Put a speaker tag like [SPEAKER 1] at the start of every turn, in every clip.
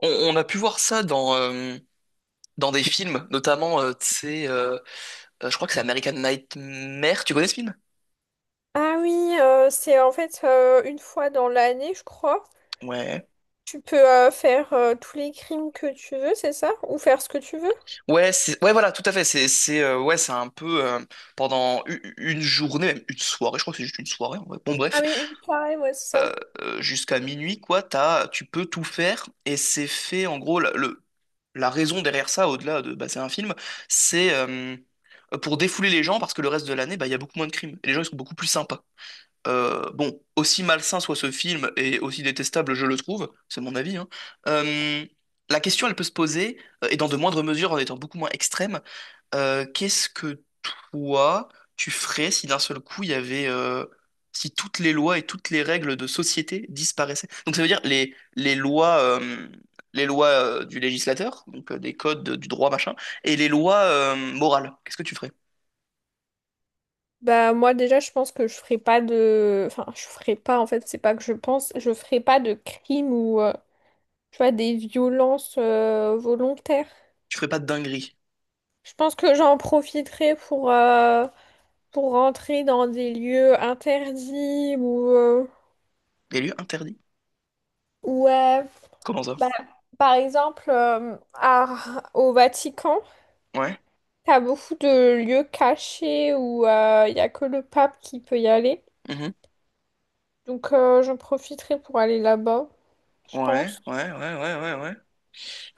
[SPEAKER 1] On a pu voir ça dans des films, notamment, je crois que c'est American Nightmare. Tu connais ce film?
[SPEAKER 2] Ah oui, c'est en fait une fois dans l'année, je crois.
[SPEAKER 1] Ouais.
[SPEAKER 2] Tu peux faire tous les crimes que tu veux, c'est ça? Ou faire ce que tu veux?
[SPEAKER 1] Voilà, tout à fait. C'est un peu pendant une journée, même une soirée, je crois que c'est juste une soirée en vrai. Bon,
[SPEAKER 2] Ah
[SPEAKER 1] bref,
[SPEAKER 2] oui, une soirée, ouais, c'est
[SPEAKER 1] euh,
[SPEAKER 2] ça.
[SPEAKER 1] jusqu'à minuit, quoi, tu peux tout faire et c'est fait, en gros. La raison derrière ça, au-delà de, bah, c'est un film, c'est pour défouler les gens parce que le reste de l'année, bah, il y a beaucoup moins de crimes et les gens, ils sont beaucoup plus sympas. Bon, aussi malsain soit ce film et aussi détestable je le trouve, c'est mon avis, hein, euh, la question elle peut se poser, et dans de moindres mesures en étant beaucoup moins extrême, qu'est-ce que toi tu ferais si d'un seul coup il y avait, si toutes les lois et toutes les règles de société disparaissaient? Donc ça veut dire les lois du législateur, donc des codes du droit machin, et les lois morales, qu'est-ce que tu ferais?
[SPEAKER 2] Bah moi déjà, je pense que je ferai pas de... Enfin, je ferai pas, en fait, c'est pas que je pense, je ferai pas de crimes ou, tu vois, des violences volontaires.
[SPEAKER 1] Tu ferais pas de dinguerie?
[SPEAKER 2] Je pense que j'en profiterai pour rentrer dans des lieux interdits ou...
[SPEAKER 1] Des lieux interdits?
[SPEAKER 2] Ouais.
[SPEAKER 1] Comment ça?
[SPEAKER 2] Bah, par exemple, au Vatican,
[SPEAKER 1] Ouais.
[SPEAKER 2] t'as beaucoup de lieux cachés où il n'y a que le pape qui peut y aller.
[SPEAKER 1] Mmh.
[SPEAKER 2] Donc, j'en profiterai pour aller là-bas, je
[SPEAKER 1] Ouais,
[SPEAKER 2] pense.
[SPEAKER 1] ouais, ouais, ouais, ouais, ouais.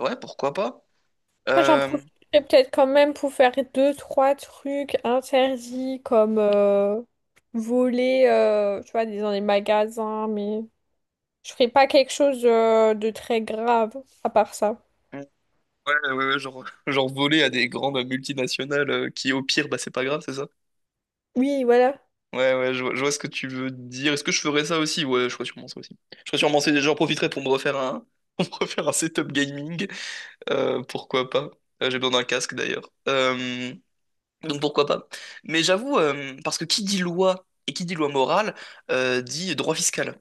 [SPEAKER 1] Ouais, pourquoi pas?
[SPEAKER 2] Après, j'en
[SPEAKER 1] Euh,
[SPEAKER 2] profiterai peut-être quand même pour faire deux, trois trucs interdits comme voler, tu vois, dans les magasins, mais je ferai pas quelque chose de très grave à part ça.
[SPEAKER 1] ouais, ouais, genre, genre voler à des grandes multinationales qui, au pire, bah c'est pas grave, c'est ça?
[SPEAKER 2] Oui, voilà.
[SPEAKER 1] Ouais, ouais, je vois ce que tu veux dire. Est-ce que je ferais ça aussi? Ouais, je ferais sûrement ça aussi. Je ferais sûrement ça, j'en profiterais pour me refaire un, pour me refaire un setup gaming. Pourquoi pas? J'ai besoin d'un casque d'ailleurs. Donc pourquoi pas? Mais j'avoue, parce que qui dit loi et qui dit loi morale, dit droit fiscal.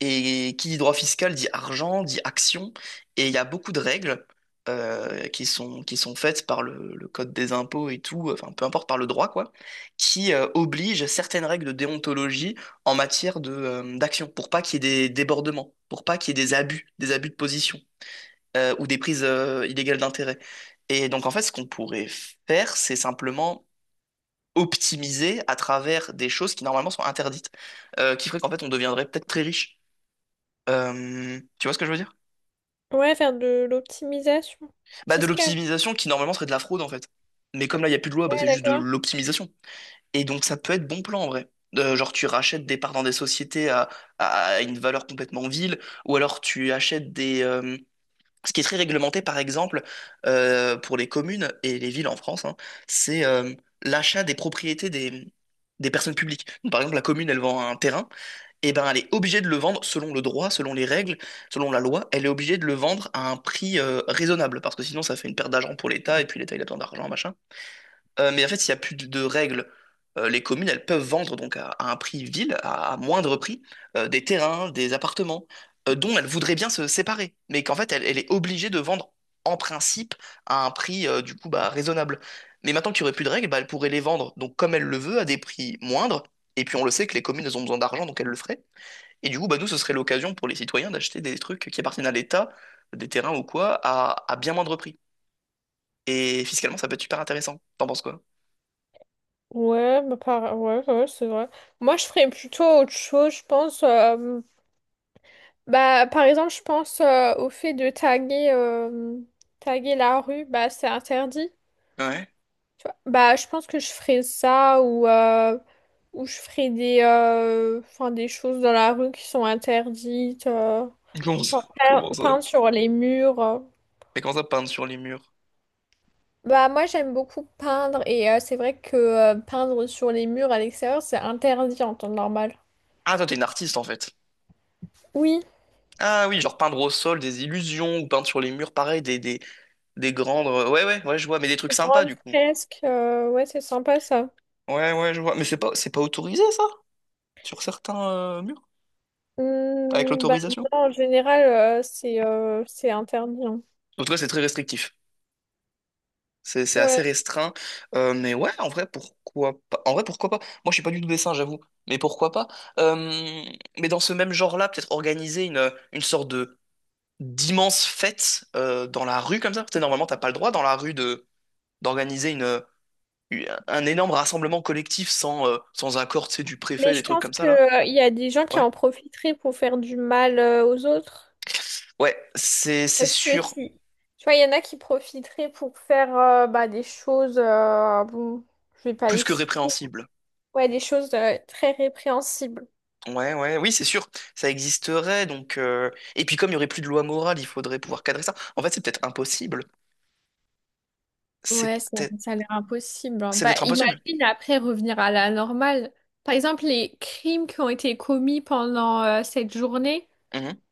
[SPEAKER 1] Et qui dit droit fiscal dit argent, dit action, et il y a beaucoup de règles qui sont faites par le code des impôts et tout, enfin peu importe par le droit quoi, qui obligent certaines règles de déontologie en matière de, d'action, pour pas qu'il y ait des débordements, pour pas qu'il y ait des abus de position ou des prises illégales d'intérêt. Et donc en fait, ce qu'on pourrait faire, c'est simplement optimiser à travers des choses qui normalement sont interdites, qui ferait qu'en fait on deviendrait peut-être très riche. Tu vois ce que je veux dire?
[SPEAKER 2] Ouais, faire de l'optimisation
[SPEAKER 1] Bah, de
[SPEAKER 2] fiscale.
[SPEAKER 1] l'optimisation qui normalement serait de la fraude en fait. Mais comme là, il n'y a plus de loi,
[SPEAKER 2] Ouais,
[SPEAKER 1] bah, c'est juste de
[SPEAKER 2] d'accord.
[SPEAKER 1] l'optimisation. Et donc, ça peut être bon plan en vrai. Genre, tu rachètes des parts dans des sociétés à une valeur complètement vile, ou alors tu achètes des. Ce qui est très réglementé, par exemple, pour les communes et les villes en France, hein, c'est l'achat des propriétés des personnes publiques. Donc, par exemple, la commune, elle vend un terrain, eh ben, elle est obligée de le vendre selon le droit, selon les règles, selon la loi. Elle est obligée de le vendre à un prix raisonnable parce que sinon ça fait une perte d'argent pour l'État et puis l'État il a besoin d'argent, machin. Mais en fait, s'il n'y a plus de règles, les communes elles peuvent vendre donc à un prix ville, à moindre prix, des terrains, des appartements dont elles voudraient bien se séparer, mais qu'en fait elle est obligée de vendre en principe à un prix du coup bah, raisonnable. Mais maintenant qu'il n'y aurait plus de règles, bah, elle pourrait les vendre donc comme elle le veut à des prix moindres. Et puis on le sait que les communes elles ont besoin d'argent donc elles le feraient. Et du coup, bah, nous, ce serait l'occasion pour les citoyens d'acheter des trucs qui appartiennent à l'État, des terrains ou quoi, à bien moindre prix. Et fiscalement, ça peut être super intéressant. T'en penses quoi?
[SPEAKER 2] Ouais, bah, par... ouais, ouais, c'est vrai. Moi, je ferais plutôt autre chose, je pense. Bah, par exemple, je pense au fait de taguer, taguer la rue, bah, c'est interdit.
[SPEAKER 1] Ouais.
[SPEAKER 2] Tu vois. Bah, je pense que je ferais ça ou je ferais des, des choses dans la rue qui sont interdites.
[SPEAKER 1] Comment ça?
[SPEAKER 2] Genre
[SPEAKER 1] Comment ça?
[SPEAKER 2] peindre sur les murs.
[SPEAKER 1] Mais comment ça, peindre sur les murs?
[SPEAKER 2] Bah, moi, j'aime beaucoup peindre et c'est vrai que peindre sur les murs à l'extérieur, c'est interdit en temps normal.
[SPEAKER 1] Ah, toi, t'es une artiste, en fait.
[SPEAKER 2] Oui.
[SPEAKER 1] Ah oui, genre peindre au sol des illusions ou peindre sur les murs, pareil, des grandes... Ouais, ouais, ouais, je vois, mais des trucs
[SPEAKER 2] Une
[SPEAKER 1] sympas,
[SPEAKER 2] grande
[SPEAKER 1] du coup.
[SPEAKER 2] fresque, ouais, c'est sympa ça.
[SPEAKER 1] Ouais, ouais, je vois. Mais c'est pas autorisé, ça? Sur certains murs? Avec
[SPEAKER 2] Hmm, bah
[SPEAKER 1] l'autorisation?
[SPEAKER 2] non, en général, c'est interdit, hein.
[SPEAKER 1] En tout cas, c'est très restrictif. C'est
[SPEAKER 2] Ouais.
[SPEAKER 1] assez restreint. Mais ouais, en vrai, pourquoi pas? En vrai, pourquoi pas? Moi, je suis pas du tout dessin, j'avoue. Mais pourquoi pas? Euh, mais dans ce même genre-là, peut-être organiser une sorte de d'immense fête dans la rue comme ça. Tu sais, normalement, t'as pas le droit dans la rue de d'organiser un énorme rassemblement collectif sans accord, tu sais, du
[SPEAKER 2] Mais
[SPEAKER 1] préfet,
[SPEAKER 2] je
[SPEAKER 1] des trucs
[SPEAKER 2] pense
[SPEAKER 1] comme ça,
[SPEAKER 2] que
[SPEAKER 1] là.
[SPEAKER 2] il y a des gens qui
[SPEAKER 1] Ouais.
[SPEAKER 2] en profiteraient pour faire du mal aux autres.
[SPEAKER 1] Ouais, c'est
[SPEAKER 2] Parce que
[SPEAKER 1] sûr,
[SPEAKER 2] si, tu vois, il y en a qui profiteraient pour faire bah, des choses, bon, je vais pas
[SPEAKER 1] plus
[SPEAKER 2] les
[SPEAKER 1] que
[SPEAKER 2] citer.
[SPEAKER 1] répréhensible.
[SPEAKER 2] Ouais, des choses très répréhensibles.
[SPEAKER 1] Ouais, ouais, oui, c'est sûr, ça existerait, donc... Et puis comme il n'y aurait plus de loi morale, il faudrait pouvoir cadrer ça. En fait, c'est peut-être impossible. C'est
[SPEAKER 2] Ouais, ça,
[SPEAKER 1] peut-être...
[SPEAKER 2] ça a l'air impossible, hein.
[SPEAKER 1] C'est
[SPEAKER 2] Bah,
[SPEAKER 1] peut-être impossible.
[SPEAKER 2] imagine après revenir à la normale. Par exemple, les crimes qui ont été commis pendant cette journée,
[SPEAKER 1] Mhm.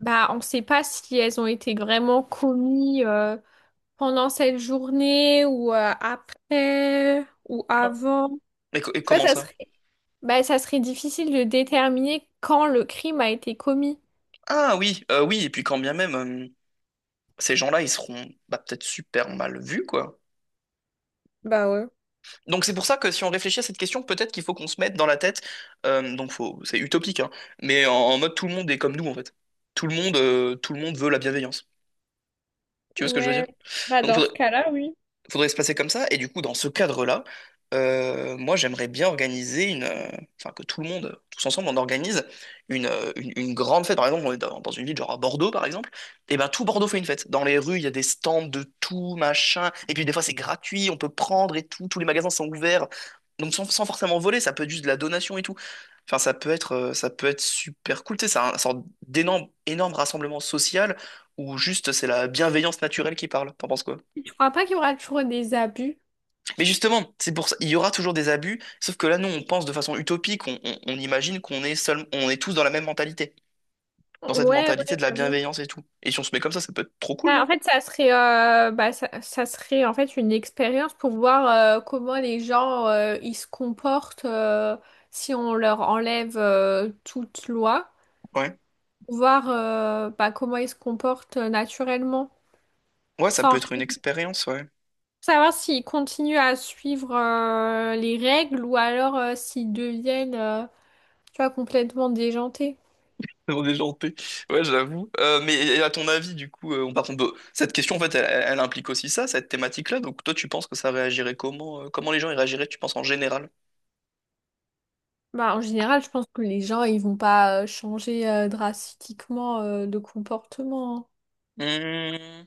[SPEAKER 2] bah, on ne sait pas si elles ont été vraiment commis pendant cette journée ou après ou
[SPEAKER 1] Ah,
[SPEAKER 2] avant.
[SPEAKER 1] Et
[SPEAKER 2] Tu vois,
[SPEAKER 1] comment ça?
[SPEAKER 2] bah, ça serait difficile de déterminer quand le crime a été commis.
[SPEAKER 1] Ah oui, oui, et puis quand bien même, ces gens-là, ils seront bah, peut-être super mal vus, quoi.
[SPEAKER 2] Bah ouais.
[SPEAKER 1] Donc c'est pour ça que si on réfléchit à cette question, peut-être qu'il faut qu'on se mette dans la tête, donc faut... c'est utopique, hein, en mode tout le monde est comme nous, en fait. Tout le monde veut la bienveillance. Tu vois ce que je veux
[SPEAKER 2] Ouais,
[SPEAKER 1] dire?
[SPEAKER 2] bah
[SPEAKER 1] Donc
[SPEAKER 2] dans ce
[SPEAKER 1] faudrait-
[SPEAKER 2] cas-là, oui.
[SPEAKER 1] faudrait se passer comme ça. Et du coup, dans ce cadre-là, moi, j'aimerais bien organiser enfin que tout le monde, tous ensemble, on organise une grande fête. Par exemple, on est dans une ville genre à Bordeaux, par exemple. Et ben tout Bordeaux fait une fête. Dans les rues, il y a des stands de tout machin. Et puis des fois, c'est gratuit, on peut prendre et tout. Tous les magasins sont ouverts. Donc sans forcément voler, ça peut être juste de la donation et tout. Enfin, ça peut être super cool. Tu sais, c'est un, sorte énorme rassemblement social où juste c'est la bienveillance naturelle qui parle. T'en penses quoi?
[SPEAKER 2] Je crois pas qu'il y aura toujours des abus.
[SPEAKER 1] Mais justement, c'est pour ça, il y aura toujours des abus, sauf que là, nous, on pense de façon utopique, on imagine qu'on est seul, on est tous dans la même mentalité, dans cette
[SPEAKER 2] Ouais,
[SPEAKER 1] mentalité
[SPEAKER 2] ouais,
[SPEAKER 1] de la
[SPEAKER 2] j'avoue.
[SPEAKER 1] bienveillance et tout. Et si on se met comme ça peut être trop cool,
[SPEAKER 2] Ah,
[SPEAKER 1] non?
[SPEAKER 2] en fait, bah, ça serait en fait une expérience pour voir comment les gens ils se comportent, si on leur enlève toute loi,
[SPEAKER 1] Ouais.
[SPEAKER 2] voir bah, comment ils se comportent naturellement,
[SPEAKER 1] Ouais, ça peut
[SPEAKER 2] sans
[SPEAKER 1] être une expérience, ouais.
[SPEAKER 2] savoir s'ils continuent à suivre les règles ou alors s'ils deviennent, tu vois, complètement déjantés.
[SPEAKER 1] On est gentil. Ouais, j'avoue. Mais et à ton avis, du coup, on par contre, bah, cette question, en fait, elle implique aussi ça, cette thématique-là. Donc, toi, tu penses que ça réagirait comment? Comment les gens y réagiraient, tu penses, en général?
[SPEAKER 2] Bah, en général, je pense que les gens ils vont pas changer drastiquement de comportement, hein.
[SPEAKER 1] Hmm,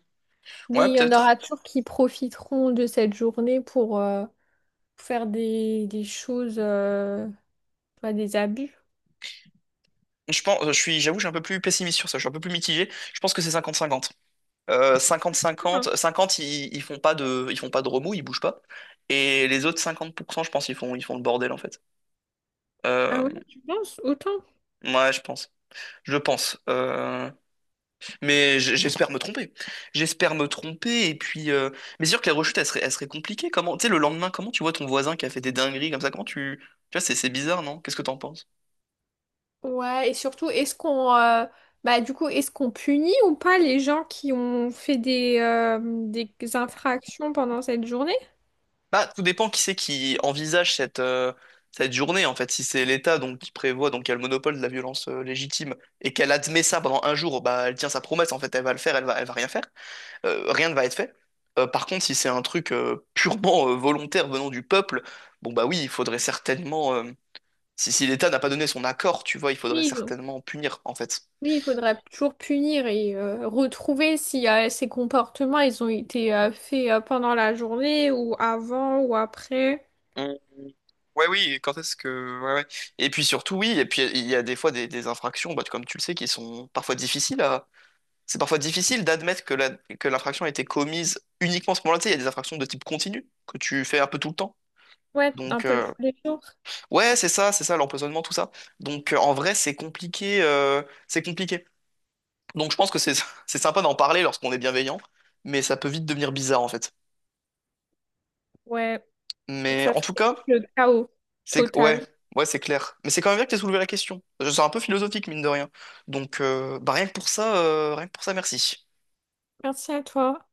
[SPEAKER 2] Mais
[SPEAKER 1] ouais,
[SPEAKER 2] il y en
[SPEAKER 1] peut-être.
[SPEAKER 2] aura toujours qui profiteront de cette journée pour faire des choses, des abus.
[SPEAKER 1] Je pense, je suis, j'avoue, je suis un peu plus pessimiste sur ça, je suis un peu plus mitigé. Je pense que c'est cinquante-cinquante. Cinquante cinquante
[SPEAKER 2] Hein.
[SPEAKER 1] 50, ils font pas ils font pas de remous, ils bougent pas. Et les autres 50% je pense, ils font le bordel en fait.
[SPEAKER 2] Ah
[SPEAKER 1] Euh,
[SPEAKER 2] ouais, tu penses autant?
[SPEAKER 1] ouais, je pense. Je pense. Mais j'espère me tromper. J'espère me tromper. Et puis, mais c'est sûr que la rechute, elle serait compliquée. Comment, tu sais, le lendemain, comment tu vois ton voisin qui a fait des dingueries comme ça? Comment tu, tu vois, c'est bizarre, non? Qu'est-ce que t'en penses?
[SPEAKER 2] Ouais, et surtout, est-ce qu'on, bah du coup, est-ce qu'on punit ou pas les gens qui ont fait des infractions pendant cette journée?
[SPEAKER 1] Bah, tout dépend qui c'est qui envisage cette, cette journée, en fait. Si c'est l'État donc qui prévoit, donc qui a le monopole de la violence légitime, et qu'elle admet ça pendant un jour, bah elle tient sa promesse, en fait, elle va le faire, elle va rien faire. Rien ne va être fait. Par contre, si c'est un truc purement volontaire venant du peuple, bon bah oui, il faudrait certainement. Si l'État n'a pas donné son accord, tu vois, il faudrait
[SPEAKER 2] Oui, donc.
[SPEAKER 1] certainement punir, en fait.
[SPEAKER 2] Oui, il faudrait toujours punir et retrouver si ces comportements ils ont été faits pendant la journée ou avant ou après.
[SPEAKER 1] Mm. Ouais, oui, quand est-ce que. Ouais, ouais. Et puis surtout, oui, et puis il y a des fois des infractions, bah, comme tu le sais, qui sont parfois difficiles C'est parfois difficile d'admettre que l'infraction a été commise uniquement à ce moment-là. Tu sais, il y a des infractions de type continu que tu fais un peu tout le temps.
[SPEAKER 2] Ouais, un
[SPEAKER 1] Donc,
[SPEAKER 2] peu tous les jours.
[SPEAKER 1] ouais, c'est ça, l'empoisonnement, tout ça. Donc, en vrai, c'est compliqué, c'est compliqué. Donc, je pense que c'est c'est sympa d'en parler lorsqu'on est bienveillant, mais ça peut vite devenir bizarre, en fait.
[SPEAKER 2] Ouais. Donc,
[SPEAKER 1] Mais
[SPEAKER 2] ça
[SPEAKER 1] en tout
[SPEAKER 2] serait
[SPEAKER 1] cas,
[SPEAKER 2] le chaos
[SPEAKER 1] c'est
[SPEAKER 2] total.
[SPEAKER 1] ouais, ouais, c'est clair. Mais c'est quand même bien que tu aies soulevé la question. Je suis un peu philosophique, mine de rien. Donc, bah, rien que pour ça, merci.
[SPEAKER 2] Merci à toi.